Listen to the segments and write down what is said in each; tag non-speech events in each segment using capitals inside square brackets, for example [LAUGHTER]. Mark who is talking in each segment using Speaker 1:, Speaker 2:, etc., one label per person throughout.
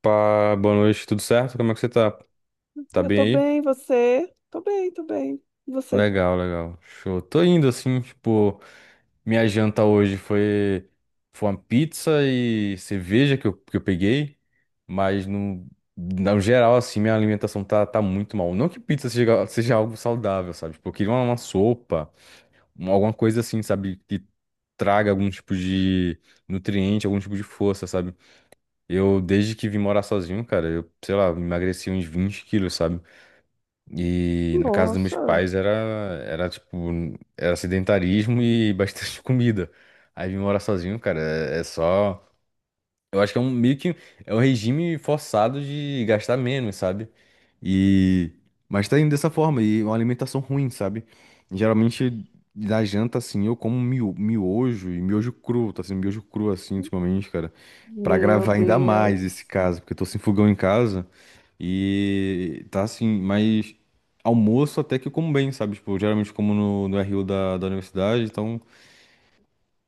Speaker 1: Opa, boa noite, tudo certo? Como é que você tá? Tá
Speaker 2: Eu
Speaker 1: bem
Speaker 2: tô
Speaker 1: aí?
Speaker 2: bem, você? Tô bem, tô bem. E você?
Speaker 1: Legal, legal. Show. Tô indo assim, tipo, minha janta hoje foi uma pizza e cerveja que eu peguei, mas no geral, assim, minha alimentação tá muito mal. Não que pizza seja algo saudável, sabe? Tipo, eu queria uma sopa, alguma coisa assim, sabe? Que traga algum tipo de nutriente, algum tipo de força, sabe? Eu, desde que vim morar sozinho, cara, eu, sei lá, emagreci uns 20 quilos, sabe? E na casa dos meus
Speaker 2: Nossa,
Speaker 1: pais era tipo, era sedentarismo e [LAUGHS] bastante comida. Aí vim morar sozinho, cara, é só. Eu acho que é um meio que é um regime forçado de gastar menos, sabe? E. Mas tá indo dessa forma, e uma alimentação ruim, sabe? Geralmente na janta, assim, eu como miojo e miojo cru, tá sendo miojo cru assim ultimamente, cara. Pra
Speaker 2: meu
Speaker 1: gravar ainda mais esse
Speaker 2: Deus.
Speaker 1: caso, porque eu tô sem fogão em casa. E tá assim, mas almoço até que eu como bem, sabe? Tipo, eu geralmente como no RU da universidade, então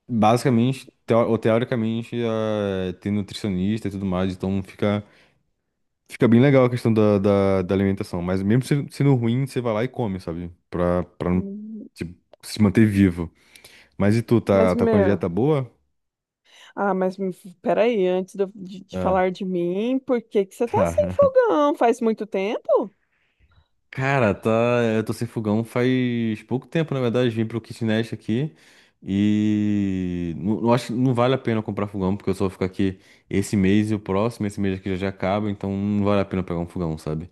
Speaker 1: basicamente, ou teoricamente, tem nutricionista e tudo mais, então fica bem legal a questão da alimentação. Mas mesmo sendo ruim, você vai lá e come, sabe? Pra não,
Speaker 2: Hum.
Speaker 1: tipo, se manter vivo. Mas e tu, tá,
Speaker 2: Mas,
Speaker 1: tá com a
Speaker 2: meu,
Speaker 1: dieta boa?
Speaker 2: Ah, mas me- Peraí, antes de, de
Speaker 1: Ah,
Speaker 2: falar de mim, por que que você
Speaker 1: [LAUGHS]
Speaker 2: tá sem
Speaker 1: tá.
Speaker 2: fogão? Faz muito tempo?
Speaker 1: Cara, tá. Eu tô sem fogão faz pouco tempo, na verdade. Vim pro kitnet aqui Não, não acho que não vale a pena comprar fogão, porque eu só vou ficar aqui esse mês e o próximo. Esse mês aqui já acaba, então não vale a pena pegar um fogão, sabe?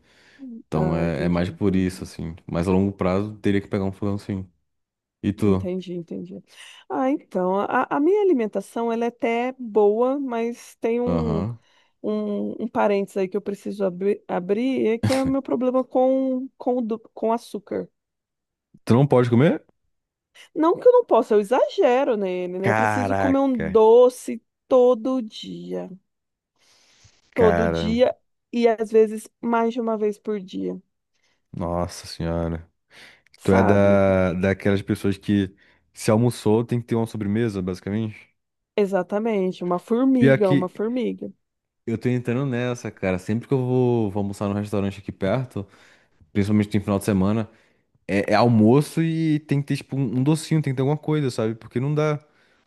Speaker 1: Então
Speaker 2: Ah,
Speaker 1: é
Speaker 2: entendi,
Speaker 1: mais por isso,
Speaker 2: entendi.
Speaker 1: assim. Mas a longo prazo teria que pegar um fogão, sim. E tu?
Speaker 2: Entendi, entendi. Ah, então, a minha alimentação, ela é até boa, mas tem um
Speaker 1: Aham.
Speaker 2: um parênteses aí que eu preciso abrir, é que é o meu problema com açúcar.
Speaker 1: Tu não pode comer?
Speaker 2: Não que eu não possa, eu exagero nele, né? Eu preciso comer um
Speaker 1: Caraca,
Speaker 2: doce todo dia. Todo
Speaker 1: cara.
Speaker 2: dia e às vezes mais de uma vez por dia,
Speaker 1: Nossa senhora. Tu é
Speaker 2: sabe?
Speaker 1: daquelas pessoas que, se almoçou, tem que ter uma sobremesa, basicamente?
Speaker 2: Exatamente, uma
Speaker 1: Pior
Speaker 2: formiga, uma
Speaker 1: que
Speaker 2: formiga.
Speaker 1: Eu tô entrando nessa, cara. Sempre que eu vou almoçar num restaurante aqui perto, principalmente no final de semana, é almoço e tem que ter, tipo, um docinho, tem que ter alguma coisa, sabe? Porque não dá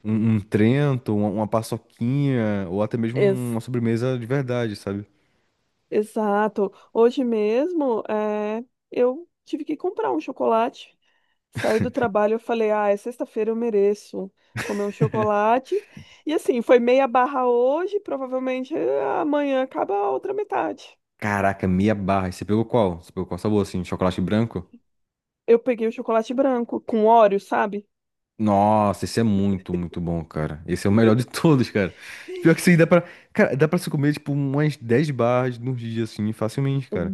Speaker 1: um Trento, uma paçoquinha, ou até mesmo uma
Speaker 2: Ex-
Speaker 1: sobremesa de verdade, sabe?
Speaker 2: Exato. Hoje mesmo, eu tive que comprar um chocolate. Saí do trabalho, eu falei, ah, é sexta-feira, eu mereço comer um chocolate. E assim, foi meia barra hoje, provavelmente amanhã acaba a outra metade.
Speaker 1: Caraca, meia barra. E você pegou qual? Você pegou qual sabor, assim? Chocolate branco?
Speaker 2: Eu peguei o chocolate branco com Oreo, sabe?
Speaker 1: Nossa, esse é muito, muito bom, cara. Esse é o melhor de todos, cara. Pior que isso aí dá pra... Cara, dá pra se comer, tipo, umas 10 barras num dia, assim, facilmente, cara.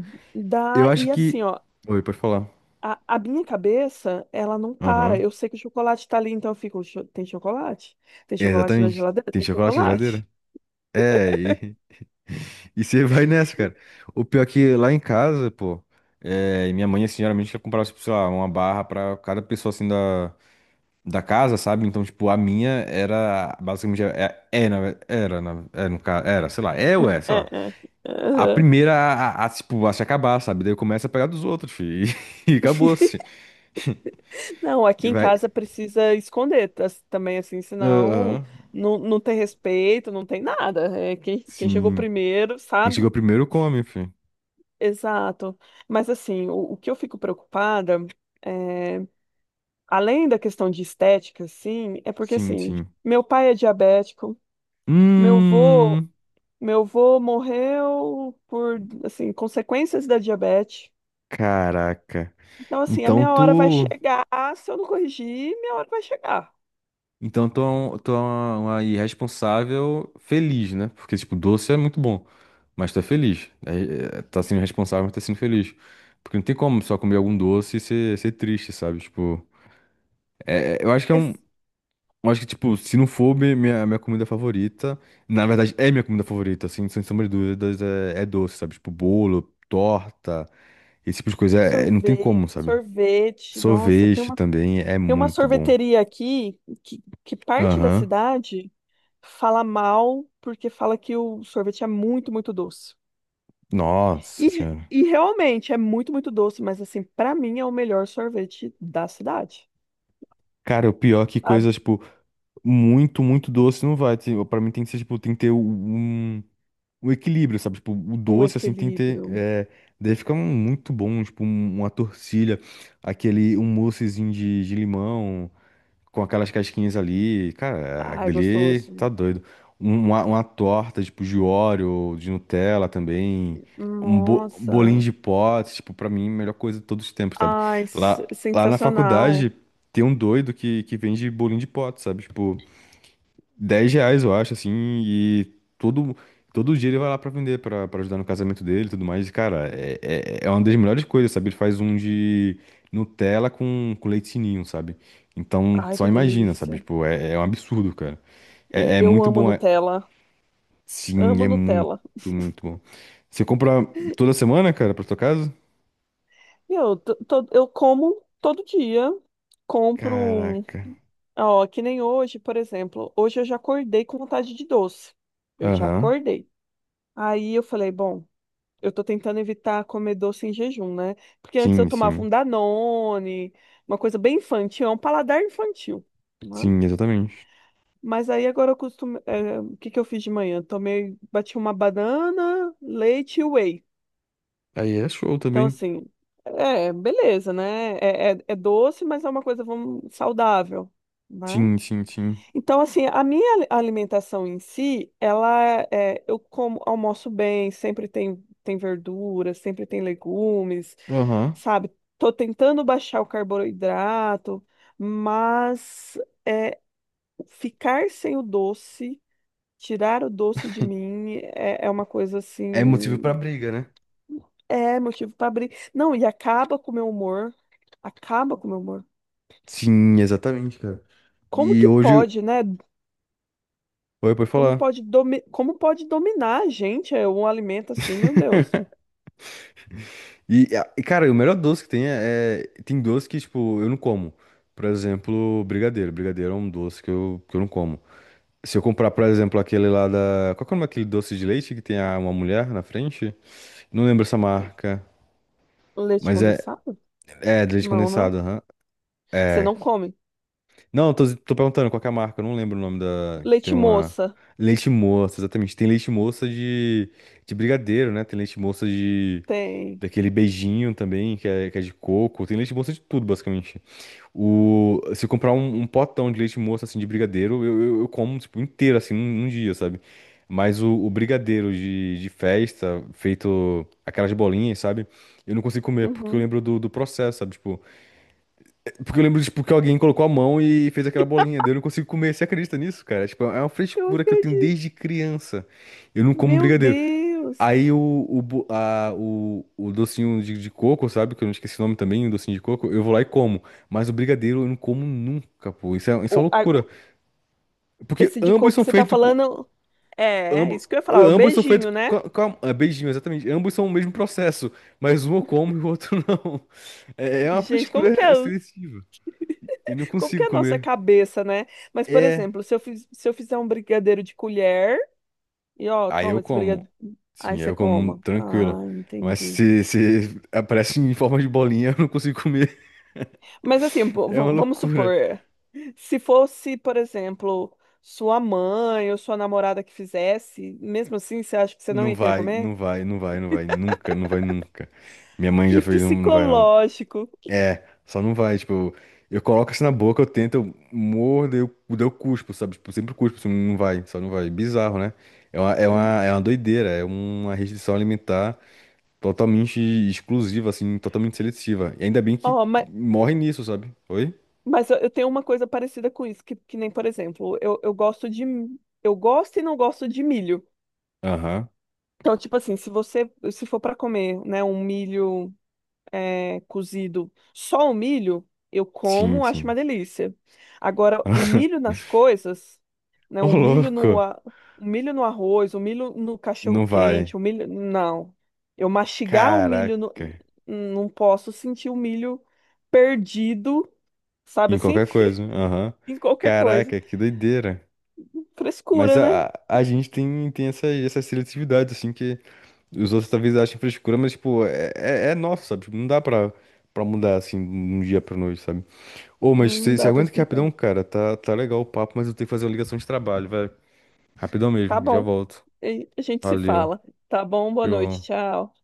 Speaker 1: Eu
Speaker 2: Dá,
Speaker 1: acho
Speaker 2: e assim,
Speaker 1: que...
Speaker 2: ó,
Speaker 1: Oi, pode falar.
Speaker 2: a minha cabeça, ela não para.
Speaker 1: Aham.
Speaker 2: Eu sei que o chocolate tá ali, então eu fico: Tem chocolate? Tem
Speaker 1: É,
Speaker 2: chocolate na
Speaker 1: exatamente.
Speaker 2: geladeira?
Speaker 1: Tem
Speaker 2: Tem
Speaker 1: chocolate na
Speaker 2: chocolate?"
Speaker 1: geladeira? É, [LAUGHS] e você vai nessa, cara. O pior é que lá em casa, pô, minha mãe, assim, geralmente ela comprava, tipo, sei lá, uma barra pra cada pessoa, assim, da casa, sabe? Então, tipo, a minha era, basicamente, na- era, na- é, no caso, era, sei lá, é ou é, sei lá.
Speaker 2: É,
Speaker 1: A
Speaker 2: é.
Speaker 1: primeira tipo, a se acabar, sabe? Daí eu começo a pegar dos outros, fi, [LAUGHS] e, acabou-se.
Speaker 2: Não,
Speaker 1: E
Speaker 2: aqui em
Speaker 1: vai,
Speaker 2: casa precisa esconder também, assim, senão
Speaker 1: aham,
Speaker 2: não tem respeito, não tem nada. É quem chegou
Speaker 1: sim.
Speaker 2: primeiro,
Speaker 1: Quem
Speaker 2: sabe?
Speaker 1: chegou primeiro come, fi.
Speaker 2: Exato. Mas, assim, o que eu fico preocupada, é, além da questão de estética, assim, é porque,
Speaker 1: Sim,
Speaker 2: assim,
Speaker 1: sim.
Speaker 2: meu pai é diabético, meu vô,
Speaker 1: Hum,
Speaker 2: meu vô morreu por, assim, consequências da diabetes.
Speaker 1: caraca.
Speaker 2: Então, assim, a
Speaker 1: Então
Speaker 2: minha hora vai
Speaker 1: tu,
Speaker 2: chegar, se eu não corrigir, minha hora vai chegar.
Speaker 1: então tu é uma irresponsável feliz, né? Porque, tipo, doce é muito bom, mas tu é feliz. É, tá sendo responsável, mas tá sendo feliz. Porque não tem como só comer algum doce e ser triste, sabe? Tipo, eu acho que eu acho que, tipo, se não for minha comida favorita, na verdade é minha comida favorita, assim, sem sombra de dúvidas, é doce, sabe? Tipo, bolo, torta, esse tipo de coisa, não tem
Speaker 2: Sorvete,
Speaker 1: como, sabe?
Speaker 2: sorvete. Nossa,
Speaker 1: Sorvete também é
Speaker 2: tem uma
Speaker 1: muito bom.
Speaker 2: sorveteria aqui que parte da
Speaker 1: Aham.
Speaker 2: cidade fala mal porque fala que o sorvete é muito, muito doce.
Speaker 1: Nossa senhora.
Speaker 2: E realmente é muito, muito doce, mas assim, pra mim é o melhor sorvete da cidade.
Speaker 1: Cara, o pior é que
Speaker 2: Sabe?
Speaker 1: coisa, tipo, muito, muito doce não vai. Tipo, pra mim tem que ser, tipo, tem que ter um equilíbrio, sabe? Tipo, o
Speaker 2: Um
Speaker 1: doce, assim, tem que ter.
Speaker 2: equilíbrio.
Speaker 1: Daí fica muito bom, tipo, uma torcilha, aquele, um moussezinho de limão, com aquelas casquinhas ali. Cara,
Speaker 2: Ai,
Speaker 1: aquele ali
Speaker 2: gostoso.
Speaker 1: tá doido. Uma torta, tipo, de Oreo, de Nutella também. Um bolinho
Speaker 2: Nossa.
Speaker 1: de pote, tipo, pra mim, a melhor coisa de todos os tempos, sabe?
Speaker 2: Ai,
Speaker 1: Lá, lá na faculdade,
Speaker 2: sensacional.
Speaker 1: tem um doido que vende bolinho de pote, sabe? Tipo, R$ 10, eu acho, assim, e todo, todo dia ele vai lá pra vender, pra ajudar no casamento dele e tudo mais. E, cara, é uma das melhores coisas, sabe? Ele faz um de Nutella com leite sininho, sabe? Então,
Speaker 2: Ai,
Speaker 1: só
Speaker 2: que
Speaker 1: imagina, sabe?
Speaker 2: delícia.
Speaker 1: Tipo, é um absurdo, cara. É
Speaker 2: Eu
Speaker 1: muito
Speaker 2: amo
Speaker 1: bom, é...
Speaker 2: Nutella.
Speaker 1: Sim,
Speaker 2: Amo
Speaker 1: é
Speaker 2: Nutella.
Speaker 1: muito, muito bom. Você compra toda semana, cara, pra tua casa?
Speaker 2: Eu, eu como todo dia, compro,
Speaker 1: Caraca.
Speaker 2: ó, que nem hoje, por exemplo. Hoje eu já acordei com vontade de doce. Eu já
Speaker 1: Aham.
Speaker 2: acordei. Aí eu falei, bom, eu tô tentando evitar comer doce em jejum, né? Porque antes eu
Speaker 1: Sim,
Speaker 2: tomava
Speaker 1: sim.
Speaker 2: um Danone, uma coisa bem infantil, é um paladar infantil, né?
Speaker 1: Sim, exatamente.
Speaker 2: Mas aí agora eu costumo, é, o que que eu fiz de manhã? Tomei, bati uma banana, leite e whey.
Speaker 1: Aí é show
Speaker 2: Então,
Speaker 1: também.
Speaker 2: assim, é, beleza, né? É doce, mas é uma coisa, vamos, saudável, né?
Speaker 1: Sim, sim, sim.
Speaker 2: Então, assim, a minha alimentação em si, ela é, eu como, almoço bem, sempre tem, tem verdura, sempre tem legumes,
Speaker 1: Aham.
Speaker 2: sabe? Tô tentando baixar o carboidrato, mas é, ficar sem o doce, tirar o doce de mim, é, é uma coisa
Speaker 1: É motivo
Speaker 2: assim.
Speaker 1: pra briga, né?
Speaker 2: É motivo pra abrir. Não, e acaba com o meu humor. Acaba com o meu humor.
Speaker 1: Sim, exatamente, cara.
Speaker 2: Como
Speaker 1: E
Speaker 2: que
Speaker 1: hoje.
Speaker 2: pode, né?
Speaker 1: Oi, pode
Speaker 2: Como
Speaker 1: falar.
Speaker 2: pode, domi... Como pode dominar a gente é, um alimento assim, meu Deus?
Speaker 1: E, cara, o melhor doce que tem é... Tem doce que, tipo, eu não como. Por exemplo, brigadeiro. Brigadeiro é um doce que eu não como. Se eu comprar, por exemplo, aquele lá da... Qual que é o nome daquele doce de leite que tem uma mulher na frente? Não lembro essa marca.
Speaker 2: Leite
Speaker 1: Mas é.
Speaker 2: condensado?
Speaker 1: É, de leite
Speaker 2: Não, não.
Speaker 1: condensado, aham.
Speaker 2: Você
Speaker 1: É.
Speaker 2: não come.
Speaker 1: Não, eu tô perguntando qual que é a marca. Eu não lembro o nome da. Que tem
Speaker 2: Leite
Speaker 1: uma.
Speaker 2: moça?
Speaker 1: Leite moça, exatamente. Tem leite moça de brigadeiro, né? Tem leite moça
Speaker 2: Tem.
Speaker 1: daquele beijinho também, que é de coco. Tem leite moça de tudo, basicamente. Se eu comprar um potão de leite moça, assim, de brigadeiro, eu como, tipo, inteiro, assim, num dia, sabe? Mas o brigadeiro de festa, feito aquelas bolinhas, sabe? Eu não consigo comer, porque eu
Speaker 2: Uhum.
Speaker 1: lembro do processo, sabe? Tipo, porque eu lembro, tipo, que alguém colocou a mão e fez aquela bolinha. Daí eu não consigo comer. Você acredita nisso, cara? Tipo, é uma
Speaker 2: Eu
Speaker 1: frescura que eu tenho
Speaker 2: acredito.
Speaker 1: desde criança. Eu não como
Speaker 2: Meu
Speaker 1: brigadeiro.
Speaker 2: Deus.
Speaker 1: Aí o, bo- a- o docinho de coco, sabe? Que eu não esqueci o nome também, o docinho de coco, eu vou lá e como. Mas o brigadeiro eu não como nunca, pô. Isso é
Speaker 2: O,
Speaker 1: uma
Speaker 2: a-
Speaker 1: loucura.
Speaker 2: o-
Speaker 1: Porque
Speaker 2: Esse de
Speaker 1: ambos
Speaker 2: coco que
Speaker 1: são
Speaker 2: você tá
Speaker 1: feitos com...
Speaker 2: falando. É, é
Speaker 1: Ambos,
Speaker 2: isso que eu ia falar, é o
Speaker 1: ambos são feitos
Speaker 2: beijinho, né?
Speaker 1: com ah, beijinho, exatamente. Ambos são o mesmo processo. Mas um eu como e o outro [LAUGHS] não. É uma
Speaker 2: Gente, como que
Speaker 1: frescura
Speaker 2: é,
Speaker 1: seletiva. Eu não
Speaker 2: como que
Speaker 1: consigo
Speaker 2: é a nossa
Speaker 1: comer.
Speaker 2: cabeça, né? Mas, por
Speaker 1: É.
Speaker 2: exemplo, se eu, se eu fizer um brigadeiro de colher. E ó,
Speaker 1: Aí
Speaker 2: toma
Speaker 1: eu
Speaker 2: esse
Speaker 1: como.
Speaker 2: brigadeiro. Aí
Speaker 1: Sim, aí
Speaker 2: você
Speaker 1: eu como
Speaker 2: coma. Ah,
Speaker 1: tranquilo. Mas
Speaker 2: entendi.
Speaker 1: se aparece em forma de bolinha, [LAUGHS] eu não consigo comer.
Speaker 2: Mas assim,
Speaker 1: É uma
Speaker 2: vamos
Speaker 1: loucura.
Speaker 2: supor, se fosse, por exemplo, sua mãe ou sua namorada que fizesse, mesmo assim, você acha que você não
Speaker 1: Não
Speaker 2: ia querer
Speaker 1: vai, não
Speaker 2: comer?
Speaker 1: vai, não vai, não vai, nunca, não vai nunca. Minha mãe já
Speaker 2: Que
Speaker 1: fez, não, não vai não.
Speaker 2: psicológico.
Speaker 1: É, só não vai, tipo, eu coloco assim na boca, eu tento, eu mordo, eu cuspo, sabe? Tipo, sempre cuspo, assim, não vai, só não vai. Bizarro, né? É uma, é
Speaker 2: Hum.
Speaker 1: uma, é uma doideira, é uma restrição alimentar totalmente exclusiva, assim, totalmente seletiva. E ainda bem que
Speaker 2: Ó,
Speaker 1: morre nisso, sabe? Oi?
Speaker 2: mas eu tenho uma coisa parecida com isso, que nem, por exemplo, eu gosto de. Eu gosto e não gosto de milho.
Speaker 1: Aham.
Speaker 2: Então, tipo assim, se você, se for para comer, né, um milho. É, cozido só o milho, eu
Speaker 1: Sim,
Speaker 2: como, acho uma
Speaker 1: sim.
Speaker 2: delícia. Agora, o milho
Speaker 1: [LAUGHS]
Speaker 2: nas coisas, né?
Speaker 1: Ô,
Speaker 2: O milho no,
Speaker 1: louco,
Speaker 2: o milho no arroz, o milho no
Speaker 1: não vai.
Speaker 2: cachorro-quente, o milho. Não. Eu mastigar o milho,
Speaker 1: Caraca.
Speaker 2: não posso sentir o milho perdido, sabe
Speaker 1: Em
Speaker 2: assim?
Speaker 1: qualquer coisa.
Speaker 2: [LAUGHS]
Speaker 1: Aham.
Speaker 2: Em qualquer coisa.
Speaker 1: Caraca, que doideira. Mas
Speaker 2: Frescura, né?
Speaker 1: a gente tem essa seletividade, assim, que os outros talvez achem frescura, mas, tipo, é nosso, sabe? Tipo, não dá pra mudar, assim, de um dia pra noite, sabe? Ô, mas
Speaker 2: Não
Speaker 1: você
Speaker 2: dá pra
Speaker 1: aguenta que
Speaker 2: explicar.
Speaker 1: rapidão, cara. Tá legal o papo, mas eu tenho que fazer uma ligação de trabalho, vai. Rapidão
Speaker 2: Tá
Speaker 1: mesmo, já
Speaker 2: bom.
Speaker 1: volto.
Speaker 2: E a gente se
Speaker 1: Valeu.
Speaker 2: fala. Tá bom, boa noite,
Speaker 1: Tchau.
Speaker 2: tchau.